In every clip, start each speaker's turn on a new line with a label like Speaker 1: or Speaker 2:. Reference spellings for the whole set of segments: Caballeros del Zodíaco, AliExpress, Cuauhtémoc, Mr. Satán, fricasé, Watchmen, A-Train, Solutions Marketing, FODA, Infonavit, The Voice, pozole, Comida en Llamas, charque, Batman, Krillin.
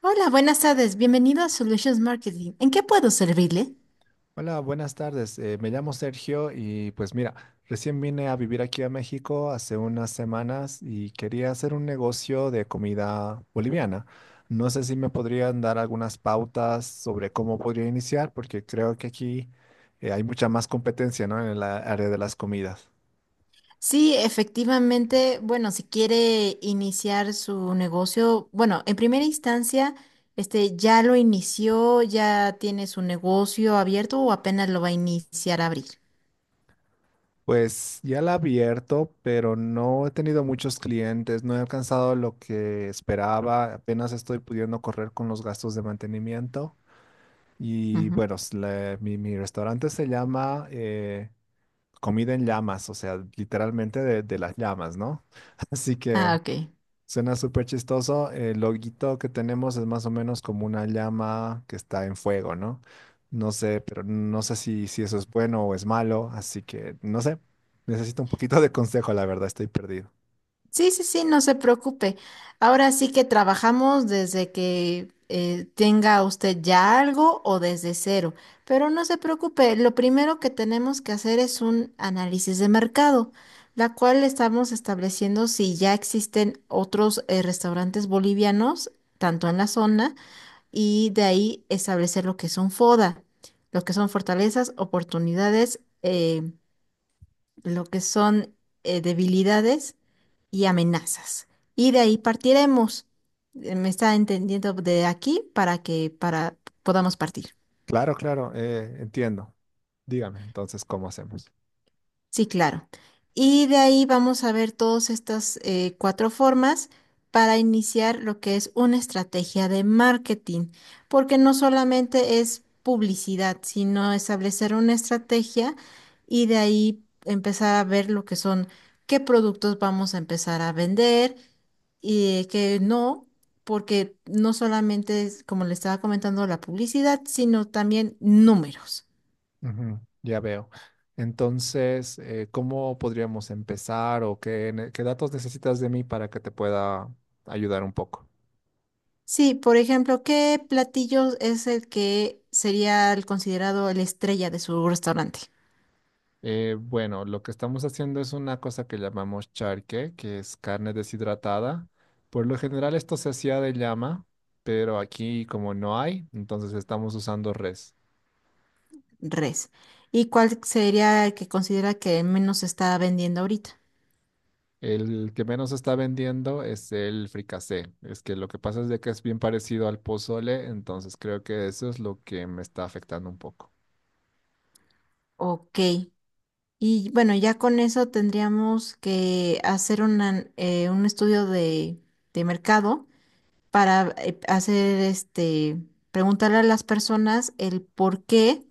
Speaker 1: Hola, buenas tardes. Bienvenido a Solutions Marketing. ¿En qué puedo servirle?
Speaker 2: Hola, buenas tardes. Me llamo Sergio y pues mira, recién vine a vivir aquí a México hace unas semanas y quería hacer un negocio de comida boliviana. No sé si me podrían dar algunas pautas sobre cómo podría iniciar, porque creo que aquí hay mucha más competencia, ¿no? En el área de las comidas.
Speaker 1: Sí, efectivamente, bueno, si quiere iniciar su negocio, bueno, en primera instancia, ¿ya lo inició, ya tiene su negocio abierto o apenas lo va a iniciar a abrir?
Speaker 2: Pues ya la he abierto, pero no he tenido muchos clientes, no he alcanzado lo que esperaba, apenas estoy pudiendo correr con los gastos de mantenimiento. Y
Speaker 1: Ujú.
Speaker 2: bueno, mi restaurante se llama Comida en Llamas, o sea, literalmente de las llamas, ¿no? Así que
Speaker 1: Ah, ok.
Speaker 2: suena súper chistoso. El loguito que tenemos es más o menos como una llama que está en fuego, ¿no? No sé, pero no sé si eso es bueno o es malo, así que no sé. Necesito un poquito de consejo, la verdad, estoy perdido.
Speaker 1: Sí, sí, sí, no se preocupe. Ahora sí que trabajamos desde que tenga usted ya algo o desde cero, pero no se preocupe, lo primero que tenemos que hacer es un análisis de mercado, la cual estamos estableciendo si ya existen otros restaurantes bolivianos, tanto en la zona, y de ahí establecer lo que son FODA, lo que son fortalezas, oportunidades. Lo que son debilidades y amenazas. Y de ahí partiremos. ¿Me está entendiendo de aquí para que para podamos partir?
Speaker 2: Claro, claro, entiendo. Dígame entonces cómo hacemos.
Speaker 1: Sí, claro. Y de ahí vamos a ver todas estas cuatro formas para iniciar lo que es una estrategia de marketing, porque no solamente es publicidad, sino establecer una estrategia y de ahí empezar a ver lo que son, qué productos vamos a empezar a vender. Y que no, porque no solamente es, como le estaba comentando, la publicidad, sino también números.
Speaker 2: Ujú, ya veo. Entonces, ¿cómo podríamos empezar o qué datos necesitas de mí para que te pueda ayudar un poco?
Speaker 1: Sí, por ejemplo, ¿qué platillo es el que sería el considerado la estrella de su restaurante?
Speaker 2: Bueno, lo que estamos haciendo es una cosa que llamamos charque, que es carne deshidratada. Por lo general esto se hacía de llama, pero aquí como no hay, entonces estamos usando res.
Speaker 1: Res. ¿Y cuál sería el que considera que menos se está vendiendo ahorita?
Speaker 2: El que menos está vendiendo es el fricasé. Es que lo que pasa es de que es bien parecido al pozole, entonces creo que eso es lo que me está afectando un poco.
Speaker 1: Ok. Y bueno, ya con eso tendríamos que hacer un estudio de mercado para hacer preguntarle a las personas el por qué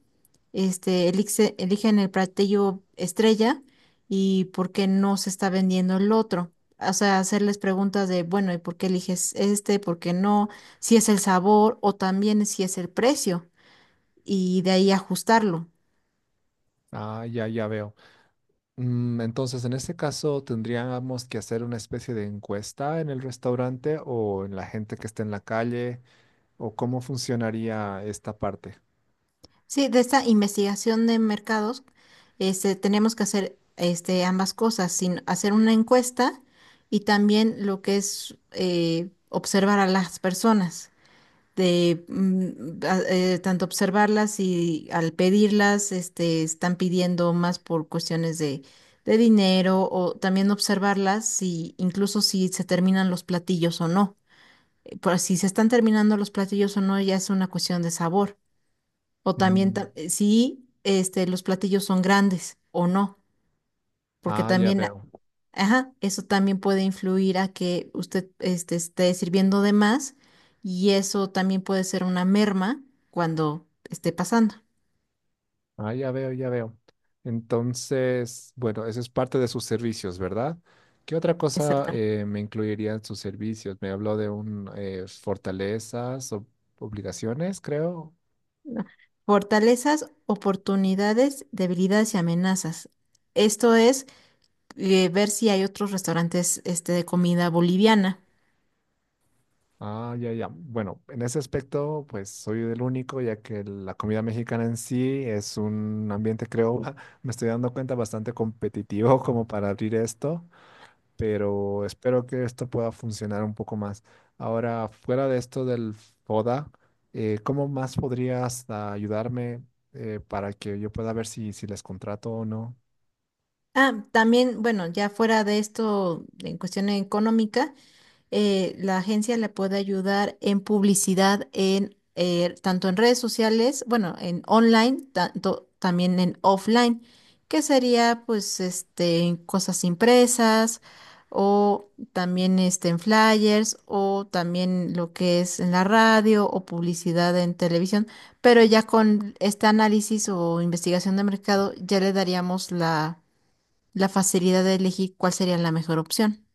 Speaker 1: eligen el platillo estrella y por qué no se está vendiendo el otro. O sea, hacerles preguntas de, bueno, ¿y por qué eliges este? ¿Por qué no? Si es el sabor o también si es el precio y de ahí ajustarlo.
Speaker 2: Ah, ya, ya veo. Entonces, en este caso, ¿tendríamos que hacer una especie de encuesta en el restaurante o en la gente que esté en la calle? ¿O cómo funcionaría esta parte?
Speaker 1: Sí, de esta investigación de mercados, tenemos que hacer ambas cosas, sin hacer una encuesta y también lo que es observar a las personas, tanto observarlas y al pedirlas, están pidiendo más por cuestiones de dinero o también observarlas si incluso si se terminan los platillos o no. Por si se están terminando los platillos o no, ya es una cuestión de sabor. O también,
Speaker 2: Mm,
Speaker 1: si los platillos son grandes o no, porque
Speaker 2: Ah, ya
Speaker 1: también,
Speaker 2: veo.
Speaker 1: ajá, eso también puede influir a que usted esté sirviendo de más y eso también puede ser una merma cuando esté pasando.
Speaker 2: Ah, ya veo, ya veo. Entonces, bueno, eso es parte de sus servicios, ¿verdad? ¿Qué otra cosa
Speaker 1: Exactamente.
Speaker 2: me incluiría en sus servicios? Me habló de un fortalezas o obligaciones, creo.
Speaker 1: ¿No? Fortalezas, oportunidades, debilidades y amenazas. Esto es ver si hay otros restaurantes de comida boliviana.
Speaker 2: Ah, ya, ya. Bueno, en ese aspecto, pues soy el único, ya que la comida mexicana en sí es un ambiente, creo, me estoy dando cuenta, bastante competitivo como para abrir esto, pero espero que esto pueda funcionar un poco más. Ahora, fuera de esto del FODA, ¿cómo más podrías ayudarme para que yo pueda ver si les contrato o no?
Speaker 1: Ah, también, bueno, ya fuera de esto, en cuestión económica. La agencia le puede ayudar en publicidad en tanto en redes sociales, bueno, en online, tanto también en offline, que sería pues este cosas impresas o también este en flyers o también lo que es en la radio o publicidad en televisión, pero ya con este análisis o investigación de mercado ya le daríamos la la facilidad de elegir cuál sería la mejor opción.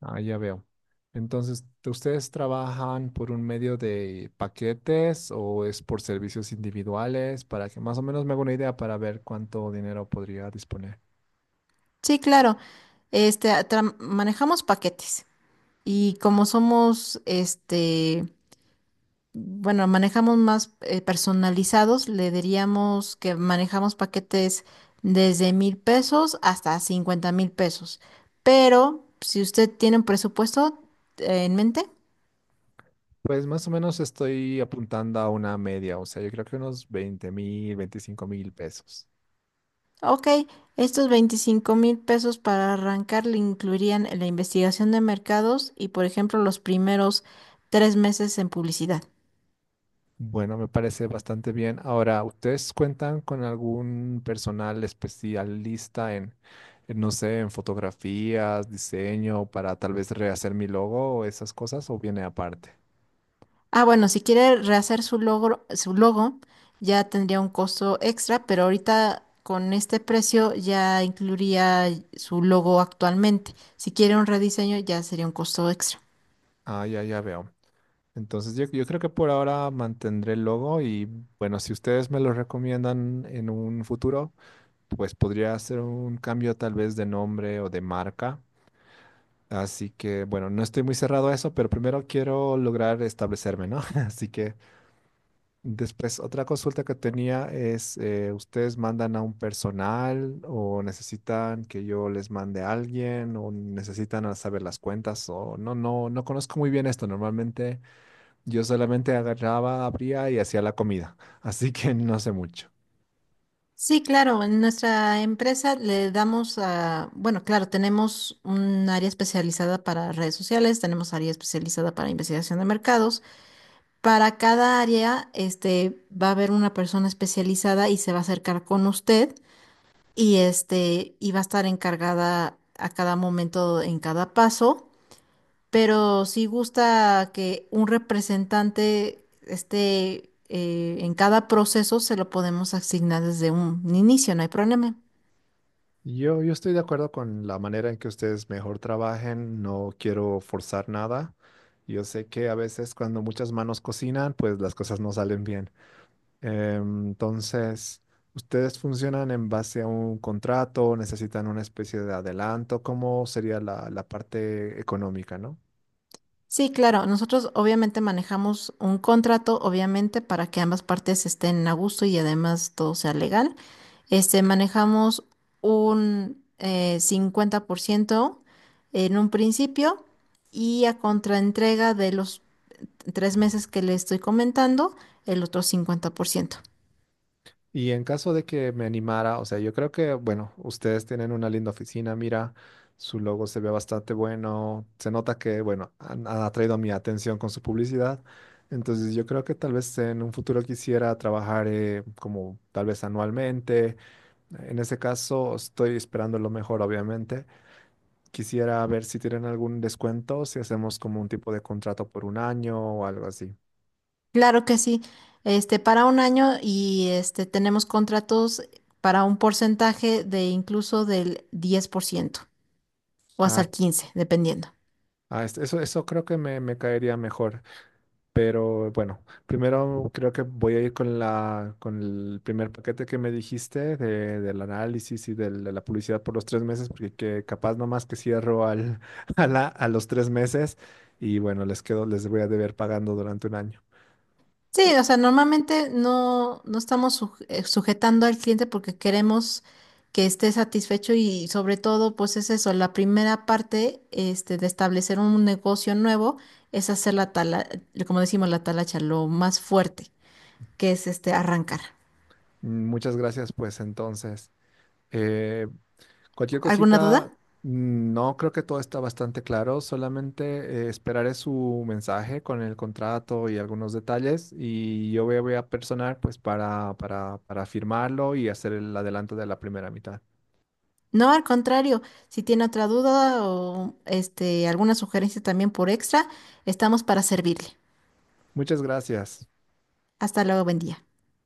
Speaker 2: Ah, ya veo. Entonces, ¿ustedes trabajan por un medio de paquetes o es por servicios individuales? Para que más o menos me haga una idea para ver cuánto dinero podría disponer.
Speaker 1: Sí, claro. Manejamos paquetes y como somos, bueno, manejamos más personalizados, le diríamos que manejamos paquetes desde 1,000 pesos hasta 50,000 pesos. Pero si usted tiene un presupuesto en mente,
Speaker 2: Pues más o menos estoy apuntando a una media, o sea, yo creo que unos 20,000, 25,000 pesos.
Speaker 1: ok, estos 25,000 pesos para arrancar le incluirían la investigación de mercados y, por ejemplo, los primeros 3 meses en publicidad.
Speaker 2: Bueno, me parece bastante bien. Ahora, ¿ustedes cuentan con algún personal especialista en, no sé, en fotografías, diseño, para tal vez rehacer mi logo o esas cosas, o viene aparte?
Speaker 1: Ah, bueno, si quiere rehacer su logro, su logo, ya tendría un costo extra, pero ahorita con este precio ya incluiría su logo actualmente. Si quiere un rediseño, ya sería un costo extra.
Speaker 2: Ah, ya, ya veo. Entonces yo creo que por ahora mantendré el logo y bueno, si ustedes me lo recomiendan en un futuro, pues podría hacer un cambio tal vez de nombre o de marca. Así que bueno, no estoy muy cerrado a eso, pero primero quiero lograr establecerme, ¿no? Así que después otra consulta que tenía es, ¿ustedes mandan a un personal o necesitan que yo les mande a alguien o necesitan saber las cuentas o no, no, no conozco muy bien esto normalmente. Yo solamente agarraba, abría y hacía la comida, así que no sé mucho.
Speaker 1: Sí, claro, en nuestra empresa le damos a, bueno, claro, tenemos un área especializada para redes sociales, tenemos área especializada para investigación de mercados. Para cada área, va a haber una persona especializada y se va a acercar con usted y este iba a estar encargada a cada momento en cada paso, pero sí gusta que un representante esté en cada proceso, se lo podemos asignar desde un inicio, no hay problema.
Speaker 2: Yo estoy de acuerdo con la manera en que ustedes mejor trabajen, no quiero forzar nada. Yo sé que a veces cuando muchas manos cocinan, pues las cosas no salen bien. Entonces, ¿ustedes funcionan en base a un contrato? ¿Necesitan una especie de adelanto? ¿Cómo sería la parte económica, no?
Speaker 1: Sí, claro, nosotros obviamente manejamos un contrato, obviamente, para que ambas partes estén a gusto y además todo sea legal. Manejamos un 50% en un principio y a contraentrega de los 3 meses que le estoy comentando, el otro 50%.
Speaker 2: Y en caso de que me animara, o sea, yo creo que, bueno, ustedes tienen una linda oficina, mira, su logo se ve bastante bueno, se nota que, bueno, han atraído mi atención con su publicidad, entonces yo creo que tal vez en un futuro quisiera trabajar como tal vez anualmente, en ese caso estoy esperando lo mejor, obviamente, quisiera ver si tienen algún descuento, si hacemos como un tipo de contrato por un año o algo así.
Speaker 1: Claro que sí, para un año y tenemos contratos para un porcentaje de incluso del 10% o hasta
Speaker 2: Ah,
Speaker 1: el 15%, dependiendo.
Speaker 2: eso creo que me caería mejor. Pero bueno, primero creo que voy a ir con con el primer paquete que me dijiste del análisis y de la publicidad por los 3 meses, porque que capaz nomás que cierro a los 3 meses y bueno, les quedo, les voy a deber pagando durante un año.
Speaker 1: Sí, o sea, normalmente no, no estamos sujetando al cliente porque queremos que esté satisfecho y sobre todo, pues es eso, la primera parte de establecer un negocio nuevo es hacer la tala, como decimos, la talacha, lo más fuerte, que es este arrancar.
Speaker 2: Muchas gracias, pues entonces. Eh, Cualquier
Speaker 1: ¿Alguna
Speaker 2: cosita,
Speaker 1: duda?
Speaker 2: no creo que todo está bastante claro, solamente esperaré su mensaje con el contrato y algunos detalles y yo voy a personar pues para firmarlo y hacer el adelanto de la primera mitad.
Speaker 1: No, al contrario, si tiene otra duda o alguna sugerencia también por extra, estamos para servirle.
Speaker 2: Muchas gracias.
Speaker 1: Hasta luego, buen día.